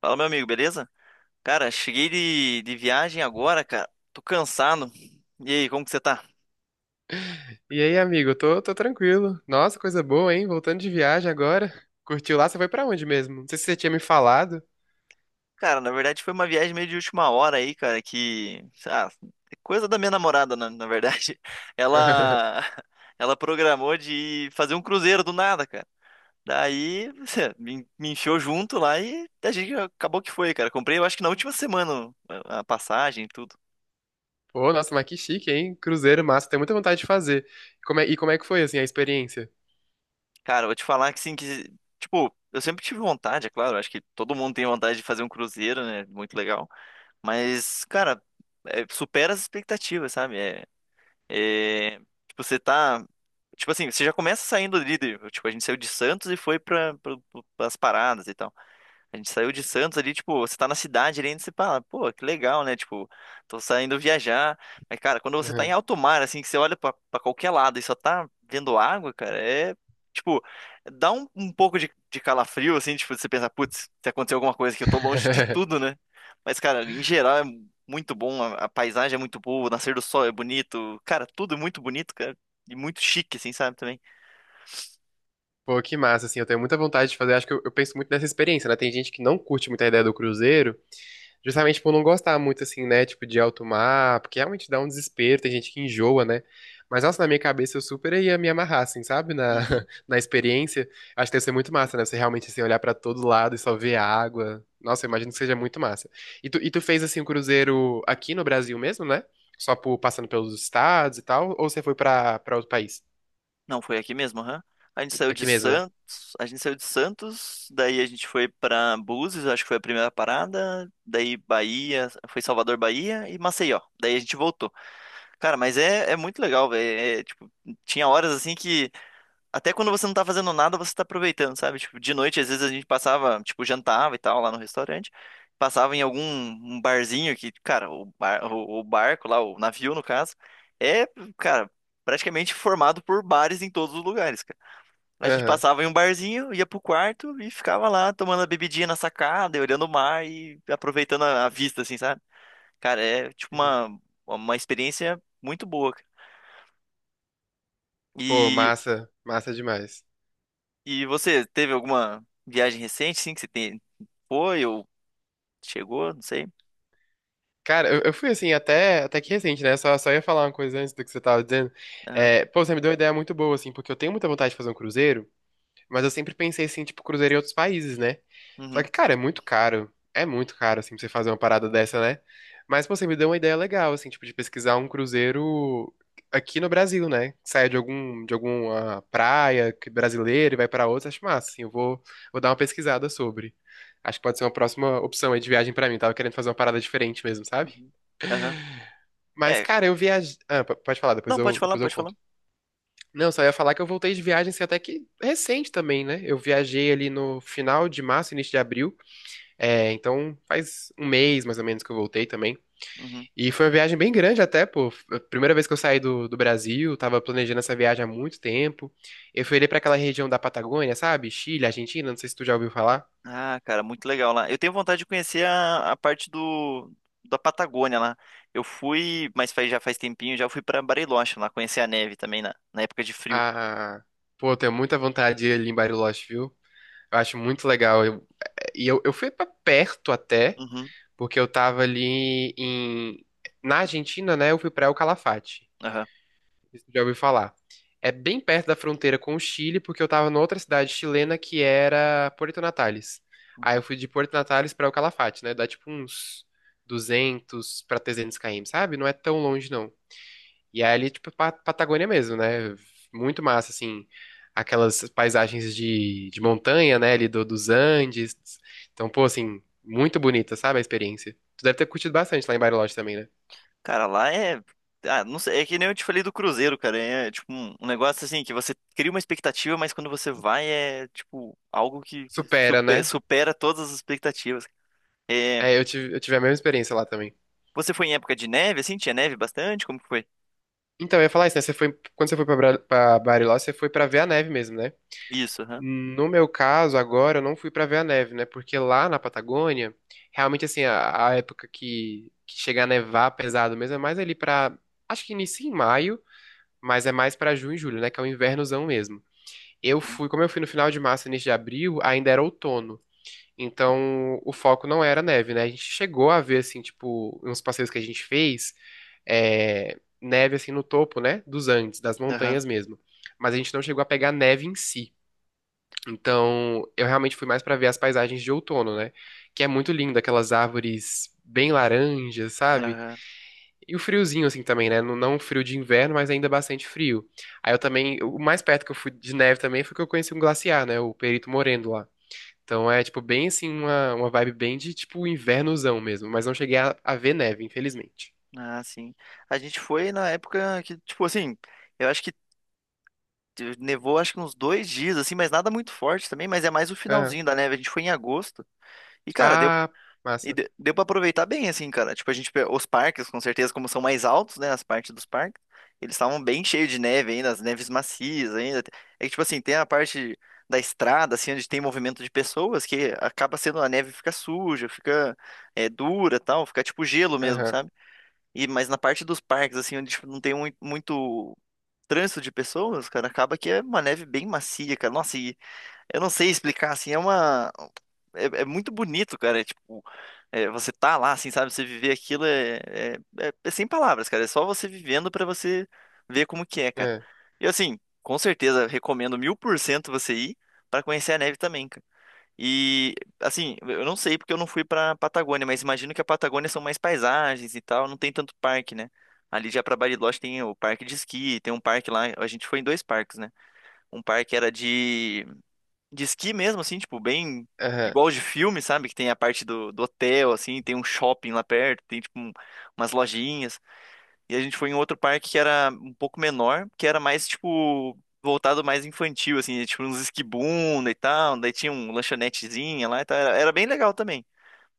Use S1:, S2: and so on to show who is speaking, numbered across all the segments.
S1: Fala, meu amigo, beleza? Cara, cheguei de viagem agora, cara. Tô cansado. E aí, como que você tá?
S2: E aí, amigo? Tô tranquilo. Nossa, coisa boa, hein? Voltando de viagem agora. Curtiu lá? Você foi pra onde mesmo? Não sei se você tinha me falado.
S1: Cara, na verdade foi uma viagem meio de última hora aí, cara, que é coisa da minha namorada, na verdade. Ela ela programou de fazer um cruzeiro do nada, cara. Daí me enfiou junto lá e a gente acabou que foi, cara. Comprei, eu acho que na última semana a passagem, e tudo.
S2: Pô, nossa, mas que chique, hein? Cruzeiro massa. Tenho muita vontade de fazer. E como é que foi, assim, a experiência?
S1: Cara, eu vou te falar que sim, que, tipo, eu sempre tive vontade, é claro, acho que todo mundo tem vontade de fazer um cruzeiro, né? Muito legal. Mas, cara, supera as expectativas, sabe? É, é, tipo, você tá. Tipo assim, você já começa saindo líder. Tipo, a gente saiu de Santos e foi pra as paradas e tal. A gente saiu de Santos ali, tipo, você tá na cidade ali, e você fala, pô, que legal, né? Tipo, tô saindo viajar. Mas, cara, quando você tá em
S2: Uhum.
S1: alto mar, assim, que você olha pra qualquer lado e só tá vendo água, cara, é. Tipo, dá um pouco de calafrio, assim, tipo, você pensa, putz, se acontecer alguma coisa que eu tô longe de tudo, né? Mas, cara, em geral é muito bom, a paisagem é muito boa, o nascer do sol é bonito, cara, tudo é muito bonito, cara, e muito chique, assim, sabe, também.
S2: Pô, que massa, assim. Eu tenho muita vontade de fazer. Acho que eu penso muito nessa experiência, né? Tem gente que não curte muito a ideia do cruzeiro. Justamente por não gostar muito, assim, né? Tipo, de alto mar, porque realmente dá um desespero, tem gente que enjoa, né? Mas, nossa, na minha cabeça eu super ia me amarrar, assim, sabe? Na,
S1: Uhum.
S2: na experiência. Acho que deve ser muito massa, né? Você realmente, assim, olhar pra todo lado e só ver a água. Nossa, eu imagino que seja muito massa. E tu fez, assim, um cruzeiro aqui no Brasil mesmo, né? Só passando pelos estados e tal? Ou você foi pra outro país?
S1: Não, foi aqui mesmo, aham. A gente saiu de
S2: Aqui mesmo, né?
S1: Santos, a gente saiu de Santos, daí a gente foi pra Búzios, acho que foi a primeira parada, daí Bahia, foi Salvador, Bahia e Maceió. Daí a gente voltou. Cara, mas é, é muito legal, velho. É, é, tipo, tinha horas assim que até quando você não tá fazendo nada, você tá aproveitando, sabe? Tipo, de noite, às vezes a gente passava, tipo, jantava e tal lá no restaurante, passava em algum um barzinho que, cara, o, bar, o barco lá, o navio no caso, é, cara, praticamente formado por bares em todos os lugares, cara. A gente
S2: Aham.
S1: passava em um barzinho, ia pro quarto e ficava lá tomando a bebidinha na sacada, e olhando o mar e aproveitando a vista, assim, sabe? Cara, é tipo
S2: Uhum.
S1: uma experiência muito boa, cara.
S2: Pô,
S1: E
S2: massa. Massa demais.
S1: E você teve alguma viagem recente, sim, que você tem... foi ou chegou, não sei.
S2: Cara, eu fui assim, até que recente, né? Só ia falar uma coisa antes do que você tava dizendo.
S1: Aham.
S2: É, pô, você me deu uma ideia muito boa, assim, porque eu tenho muita vontade de fazer um cruzeiro, mas eu sempre pensei, assim, tipo, cruzeiro em outros países, né? Só
S1: Uhum.
S2: que, cara, é muito caro. É muito caro, assim, pra você fazer uma parada dessa, né? Mas, pô, você me deu uma ideia legal, assim, tipo, de pesquisar um cruzeiro aqui no Brasil, né? Que saia de algum, de alguma praia que- brasileira e vai pra outra, acho massa, assim, eu vou, vou dar uma pesquisada sobre. Acho que pode ser uma próxima opção aí de viagem pra mim. Tava querendo fazer uma parada diferente mesmo, sabe?
S1: Uhum. Aham.
S2: Mas,
S1: É,
S2: cara, eu viajei. Ah, pode falar, depois
S1: não, pode
S2: eu,
S1: falar,
S2: depois eu
S1: pode falar.
S2: conto. Não, só ia falar que eu voltei de viagem, assim, até que recente também, né? Eu viajei ali no final de março, início de abril. É, então faz um mês mais ou menos que eu voltei também.
S1: Uhum.
S2: E foi uma viagem bem grande até, pô. Foi a primeira vez que eu saí do, do Brasil, tava planejando essa viagem há muito tempo. Eu fui ali pra aquela região da Patagônia, sabe? Chile, Argentina, não sei se tu já ouviu falar.
S1: Ah, cara, muito legal lá. Eu tenho vontade de conhecer a parte do da Patagônia lá. Eu fui, mas faz, já faz tempinho, já fui pra Bariloche lá, conhecer a neve também na época de frio.
S2: Ah, pô, eu tenho muita vontade de ir ali em Bariloche, viu? Eu acho muito legal. É, e eu fui pra perto até.
S1: Uhum.
S2: Porque eu tava ali em... Na Argentina, né? Eu fui pra El Calafate.
S1: Aham.
S2: Isso já ouviu falar. É bem perto da fronteira com o Chile, porque eu tava noutra cidade chilena que era Puerto Natales. Aí
S1: Uhum.
S2: eu fui de Puerto Natales pra El Calafate, né? Dá tipo uns 200 pra 300 km, sabe? Não é tão longe, não. E aí ali, tipo, Patagônia mesmo, né? Muito massa, assim. Aquelas paisagens de montanha, né? Ali dos Andes. Então, pô, assim, muito bonita, sabe? A experiência. Tu deve ter curtido bastante lá em Bariloche também, né?
S1: Cara, lá é. Ah, não sei, é que nem eu te falei do Cruzeiro, cara. É tipo um, um negócio assim que você cria uma expectativa, mas quando você vai é tipo algo que
S2: Supera,
S1: supe-
S2: né?
S1: supera, todas as expectativas. É,
S2: É, eu tive a mesma experiência lá também.
S1: você foi em época de neve, assim? Tinha neve bastante? Como que foi?
S2: Então, eu ia falar isso, né? Você foi, quando você foi pra Bariloche, você foi pra ver a neve mesmo, né?
S1: Isso, aham.
S2: No meu caso, agora eu não fui pra ver a neve, né? Porque lá na Patagônia, realmente assim, a época que chega a nevar pesado mesmo é mais ali pra. Acho que inicia em maio, mas é mais pra junho e julho, né? Que é o invernozão mesmo. Eu
S1: Uhum.
S2: fui, como eu fui no final de março, início de abril, ainda era outono. Então, o foco não era neve, né? A gente chegou a ver assim, tipo, uns passeios que a gente fez, é, neve assim no topo, né? Dos Andes, das
S1: Aham.
S2: montanhas mesmo. Mas a gente não chegou a pegar neve em si. Então, eu realmente fui mais pra ver as paisagens de outono, né? Que é muito lindo, aquelas árvores bem laranjas, sabe?
S1: Aham.
S2: E o friozinho, assim, também, né? Não um frio de inverno, mas ainda bastante frio. Aí eu também, o mais perto que eu fui de neve também foi que eu conheci um glaciar, né? O Perito Moreno lá. Então é, tipo, bem assim, uma vibe bem de, tipo, invernozão mesmo. Mas não cheguei a ver neve, infelizmente.
S1: Ah, sim. A gente foi na época que, tipo assim, eu acho que nevou acho que uns 2 dias, assim, mas nada muito forte também, mas é mais o
S2: Aham.
S1: finalzinho da neve. A gente foi em agosto. E, cara, deu.
S2: Ah,
S1: E
S2: massa.
S1: deu pra aproveitar bem, assim, cara. Tipo, a gente, os parques, com certeza, como são mais altos, né, as partes dos parques, eles estavam bem cheios de neve ainda, as neves macias ainda. É que, tipo assim, tem a parte da estrada, assim, onde tem movimento de pessoas, que acaba sendo a neve fica suja, fica é, dura, tal, fica tipo gelo mesmo,
S2: Aham.
S1: sabe? E, mas na parte dos parques, assim, onde tipo, não tem muito trânsito de pessoas, cara, acaba que é uma neve bem macia, cara. Nossa, eu não sei explicar, assim, é uma. É, é muito bonito, cara. É, tipo, é, você tá lá, assim, sabe? Você viver aquilo é, é, é sem palavras, cara. É só você vivendo pra você ver como que é, cara.
S2: É.
S1: E assim, com certeza, recomendo 1000% você ir pra conhecer a neve também, cara. E assim, eu não sei porque eu não fui pra Patagônia, mas imagino que a Patagônia são mais paisagens e tal, não tem tanto parque, né? Ali já pra Bariloche tem o parque de esqui, tem um parque lá, a gente foi em dois parques, né? Um parque era de esqui mesmo, assim, tipo, bem
S2: Aham.
S1: igual de filme, sabe? Que tem a parte do, do hotel, assim, tem um shopping lá perto, tem, tipo, umas lojinhas. E a gente foi em outro parque que era um pouco menor, que era mais, tipo, voltado mais infantil, assim, tipo, uns esquibunda e tal. Daí tinha um lanchonetezinha lá e tal. Era, era bem legal também.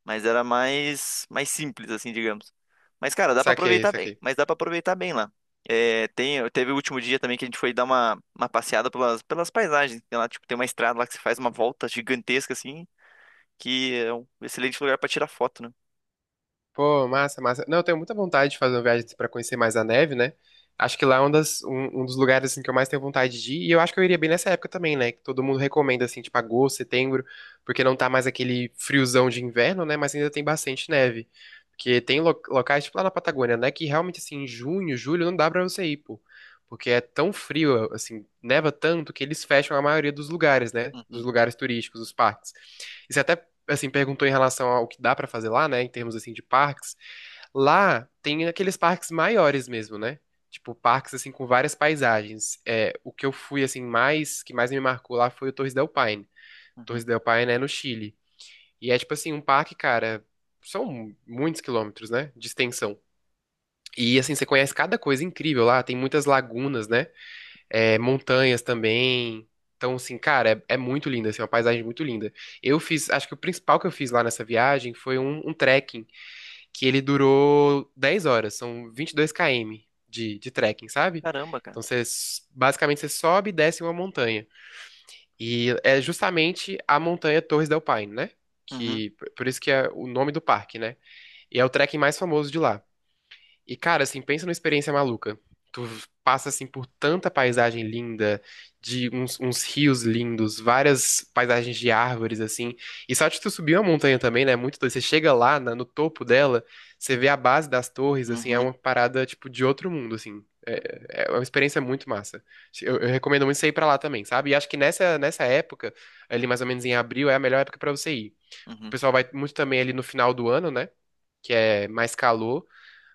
S1: Mas era mais, mais simples, assim, digamos. Mas, cara, dá pra
S2: Saquei,
S1: aproveitar bem.
S2: saquei.
S1: Mas dá pra aproveitar bem lá. É, tem, teve o último dia também que a gente foi dar uma, passeada pelas, pelas paisagens. Tem lá, tipo, tem uma estrada lá que você faz uma volta gigantesca, assim, que é um excelente lugar pra tirar foto, né?
S2: Pô, massa, massa. Não, eu tenho muita vontade de fazer uma viagem para conhecer mais a neve, né? Acho que lá é um dos lugares assim, que eu mais tenho vontade de ir. E eu acho que eu iria bem nessa época também, né? Que todo mundo recomenda, assim, tipo agosto, setembro, porque não tá mais aquele friozão de inverno, né? Mas ainda tem bastante neve. Porque tem locais, tipo lá na Patagônia, né? Que realmente, assim, em junho, julho, não dá pra você ir, pô. Porque é tão frio, assim, neva tanto que eles fecham a maioria dos lugares, né?
S1: Uhum,
S2: Dos lugares turísticos, dos parques. E você até assim, perguntou em relação ao que dá pra fazer lá, né, em termos assim de parques. Lá tem aqueles parques maiores mesmo, né? Tipo, parques assim com várias paisagens. É, o que eu fui assim mais, que mais me marcou lá foi o Torres del Paine. Torres
S1: uhum.
S2: del Paine é no Chile. E é tipo assim, um parque, cara, são muitos quilômetros, né, de extensão. E assim, você conhece cada coisa incrível lá, tem muitas lagunas, né? É, montanhas também. Então, assim, cara, é, é muito linda assim, é uma paisagem muito linda. Eu fiz, acho que o principal que eu fiz lá nessa viagem foi um trekking, que ele durou 10 horas, são 22 km de trekking, sabe?
S1: Caramba, cara.
S2: Então, você, basicamente, você sobe e desce uma montanha. E é justamente a montanha Torres del Paine, né?
S1: Uhum,
S2: Que, por isso que é o nome do parque, né? E é o trekking mais famoso de lá. E, cara, assim, pensa numa experiência maluca. Tu passa, assim, por tanta paisagem linda, de uns, uns rios lindos, várias paisagens de árvores, assim. E só de tu subir uma montanha também, né? É muito doido. Você chega lá, no topo dela, você vê a base das torres, assim, é
S1: uhum,
S2: uma parada, tipo, de outro mundo, assim. É, é uma experiência muito massa. Eu recomendo muito você ir pra lá também, sabe? E acho que nessa época, ali mais ou menos em abril, é a melhor época pra você ir. O
S1: uhum.
S2: pessoal vai muito também ali no final do ano, né? Que é mais calor.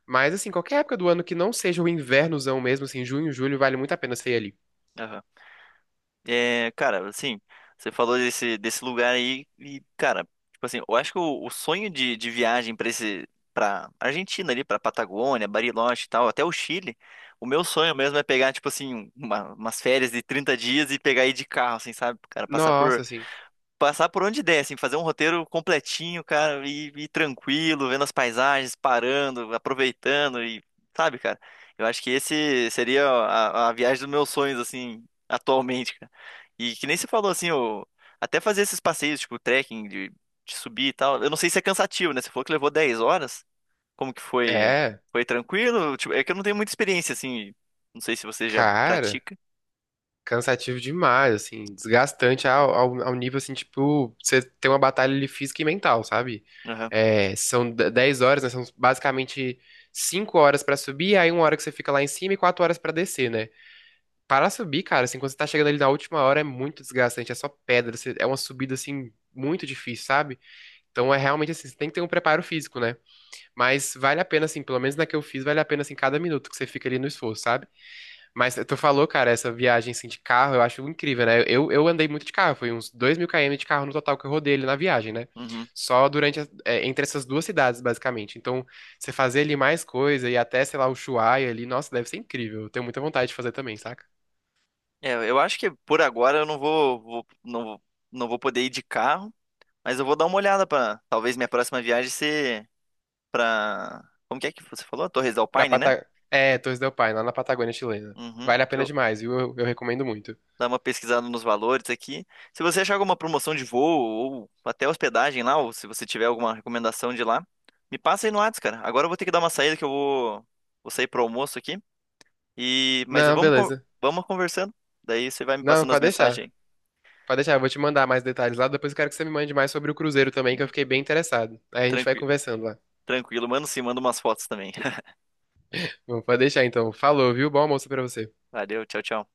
S2: Mas, assim, qualquer época do ano que não seja o invernozão mesmo, assim, junho, julho, vale muito a pena você ir ali.
S1: Aham. É, cara, assim, você falou desse, desse lugar aí e, cara, tipo assim, eu acho que o sonho de viagem pra esse, para Argentina ali, pra Patagônia, Bariloche e tal, até o Chile, o meu sonho mesmo é pegar, tipo assim, umas férias de 30 dias e pegar aí de carro, assim, sabe? Cara, passar
S2: Nossa,
S1: por
S2: assim.
S1: passar por onde der, assim, fazer um roteiro completinho, cara, e tranquilo, vendo as paisagens, parando, aproveitando e, sabe, cara, eu acho que esse seria a viagem dos meus sonhos, assim, atualmente, cara. E que nem você falou, assim, o, até fazer esses passeios, tipo, trekking, de subir e tal, eu não sei se é cansativo, né? Você falou que levou 10 horas, como que foi?
S2: É,
S1: Foi tranquilo? Tipo, é que eu não tenho muita experiência, assim, não sei se você já
S2: cara,
S1: pratica.
S2: cansativo demais, assim, desgastante ao nível, assim, tipo, você tem uma batalha ali física e mental, sabe?
S1: Aham.
S2: É, são 10 horas, né? São basicamente 5 horas pra subir, aí 1 hora que você fica lá em cima e 4 horas pra descer, né? Para subir, cara, assim, quando você tá chegando ali na última hora é muito desgastante, é só pedra, você- é uma subida, assim, muito difícil, sabe? Então é realmente assim, você tem que ter um preparo físico, né? Mas vale a pena, assim, pelo menos na que eu fiz, vale a pena, assim, cada minuto que você fica ali no esforço, sabe? Mas tu falou, cara, essa viagem, assim, de carro, eu acho incrível, né? Eu andei muito de carro, foi uns 2.000 km de carro no total que eu rodei ali na viagem, né?
S1: Uhum.
S2: Só durante, é, entre essas duas cidades, basicamente. Então, você fazer ali mais coisa e até, sei lá, o Ushuaia ali, nossa, deve ser incrível. Eu tenho muita vontade de fazer também, saca?
S1: É, eu acho que por agora eu não vou poder ir de carro, mas eu vou dar uma olhada para talvez minha próxima viagem ser para como que é que você falou? Torres del
S2: Pra
S1: Paine, né?
S2: Pata... É, Torres del Paine, lá na Patagônia chilena.
S1: Uhum.
S2: Vale a pena
S1: Eu
S2: demais, viu? Eu recomendo muito.
S1: dar uma pesquisada nos valores aqui. Se você achar alguma promoção de voo ou até hospedagem lá, ou se você tiver alguma recomendação de lá, me passa aí no Whats, cara. Agora eu vou ter que dar uma saída que eu vou sair pro almoço aqui. E mas
S2: Não, beleza.
S1: vamos conversando. Daí você vai me
S2: Não,
S1: passando as
S2: pode deixar.
S1: mensagens aí.
S2: Pode deixar, eu vou te mandar mais detalhes lá. Depois eu quero que você me mande mais sobre o Cruzeiro também, que eu fiquei bem interessado. Aí a gente vai
S1: Tranquilo,
S2: conversando lá.
S1: tranquilo, mano. Sim, manda umas fotos também.
S2: Bom, pode deixar então. Falou, viu? Bom almoço pra você.
S1: Valeu, tchau, tchau.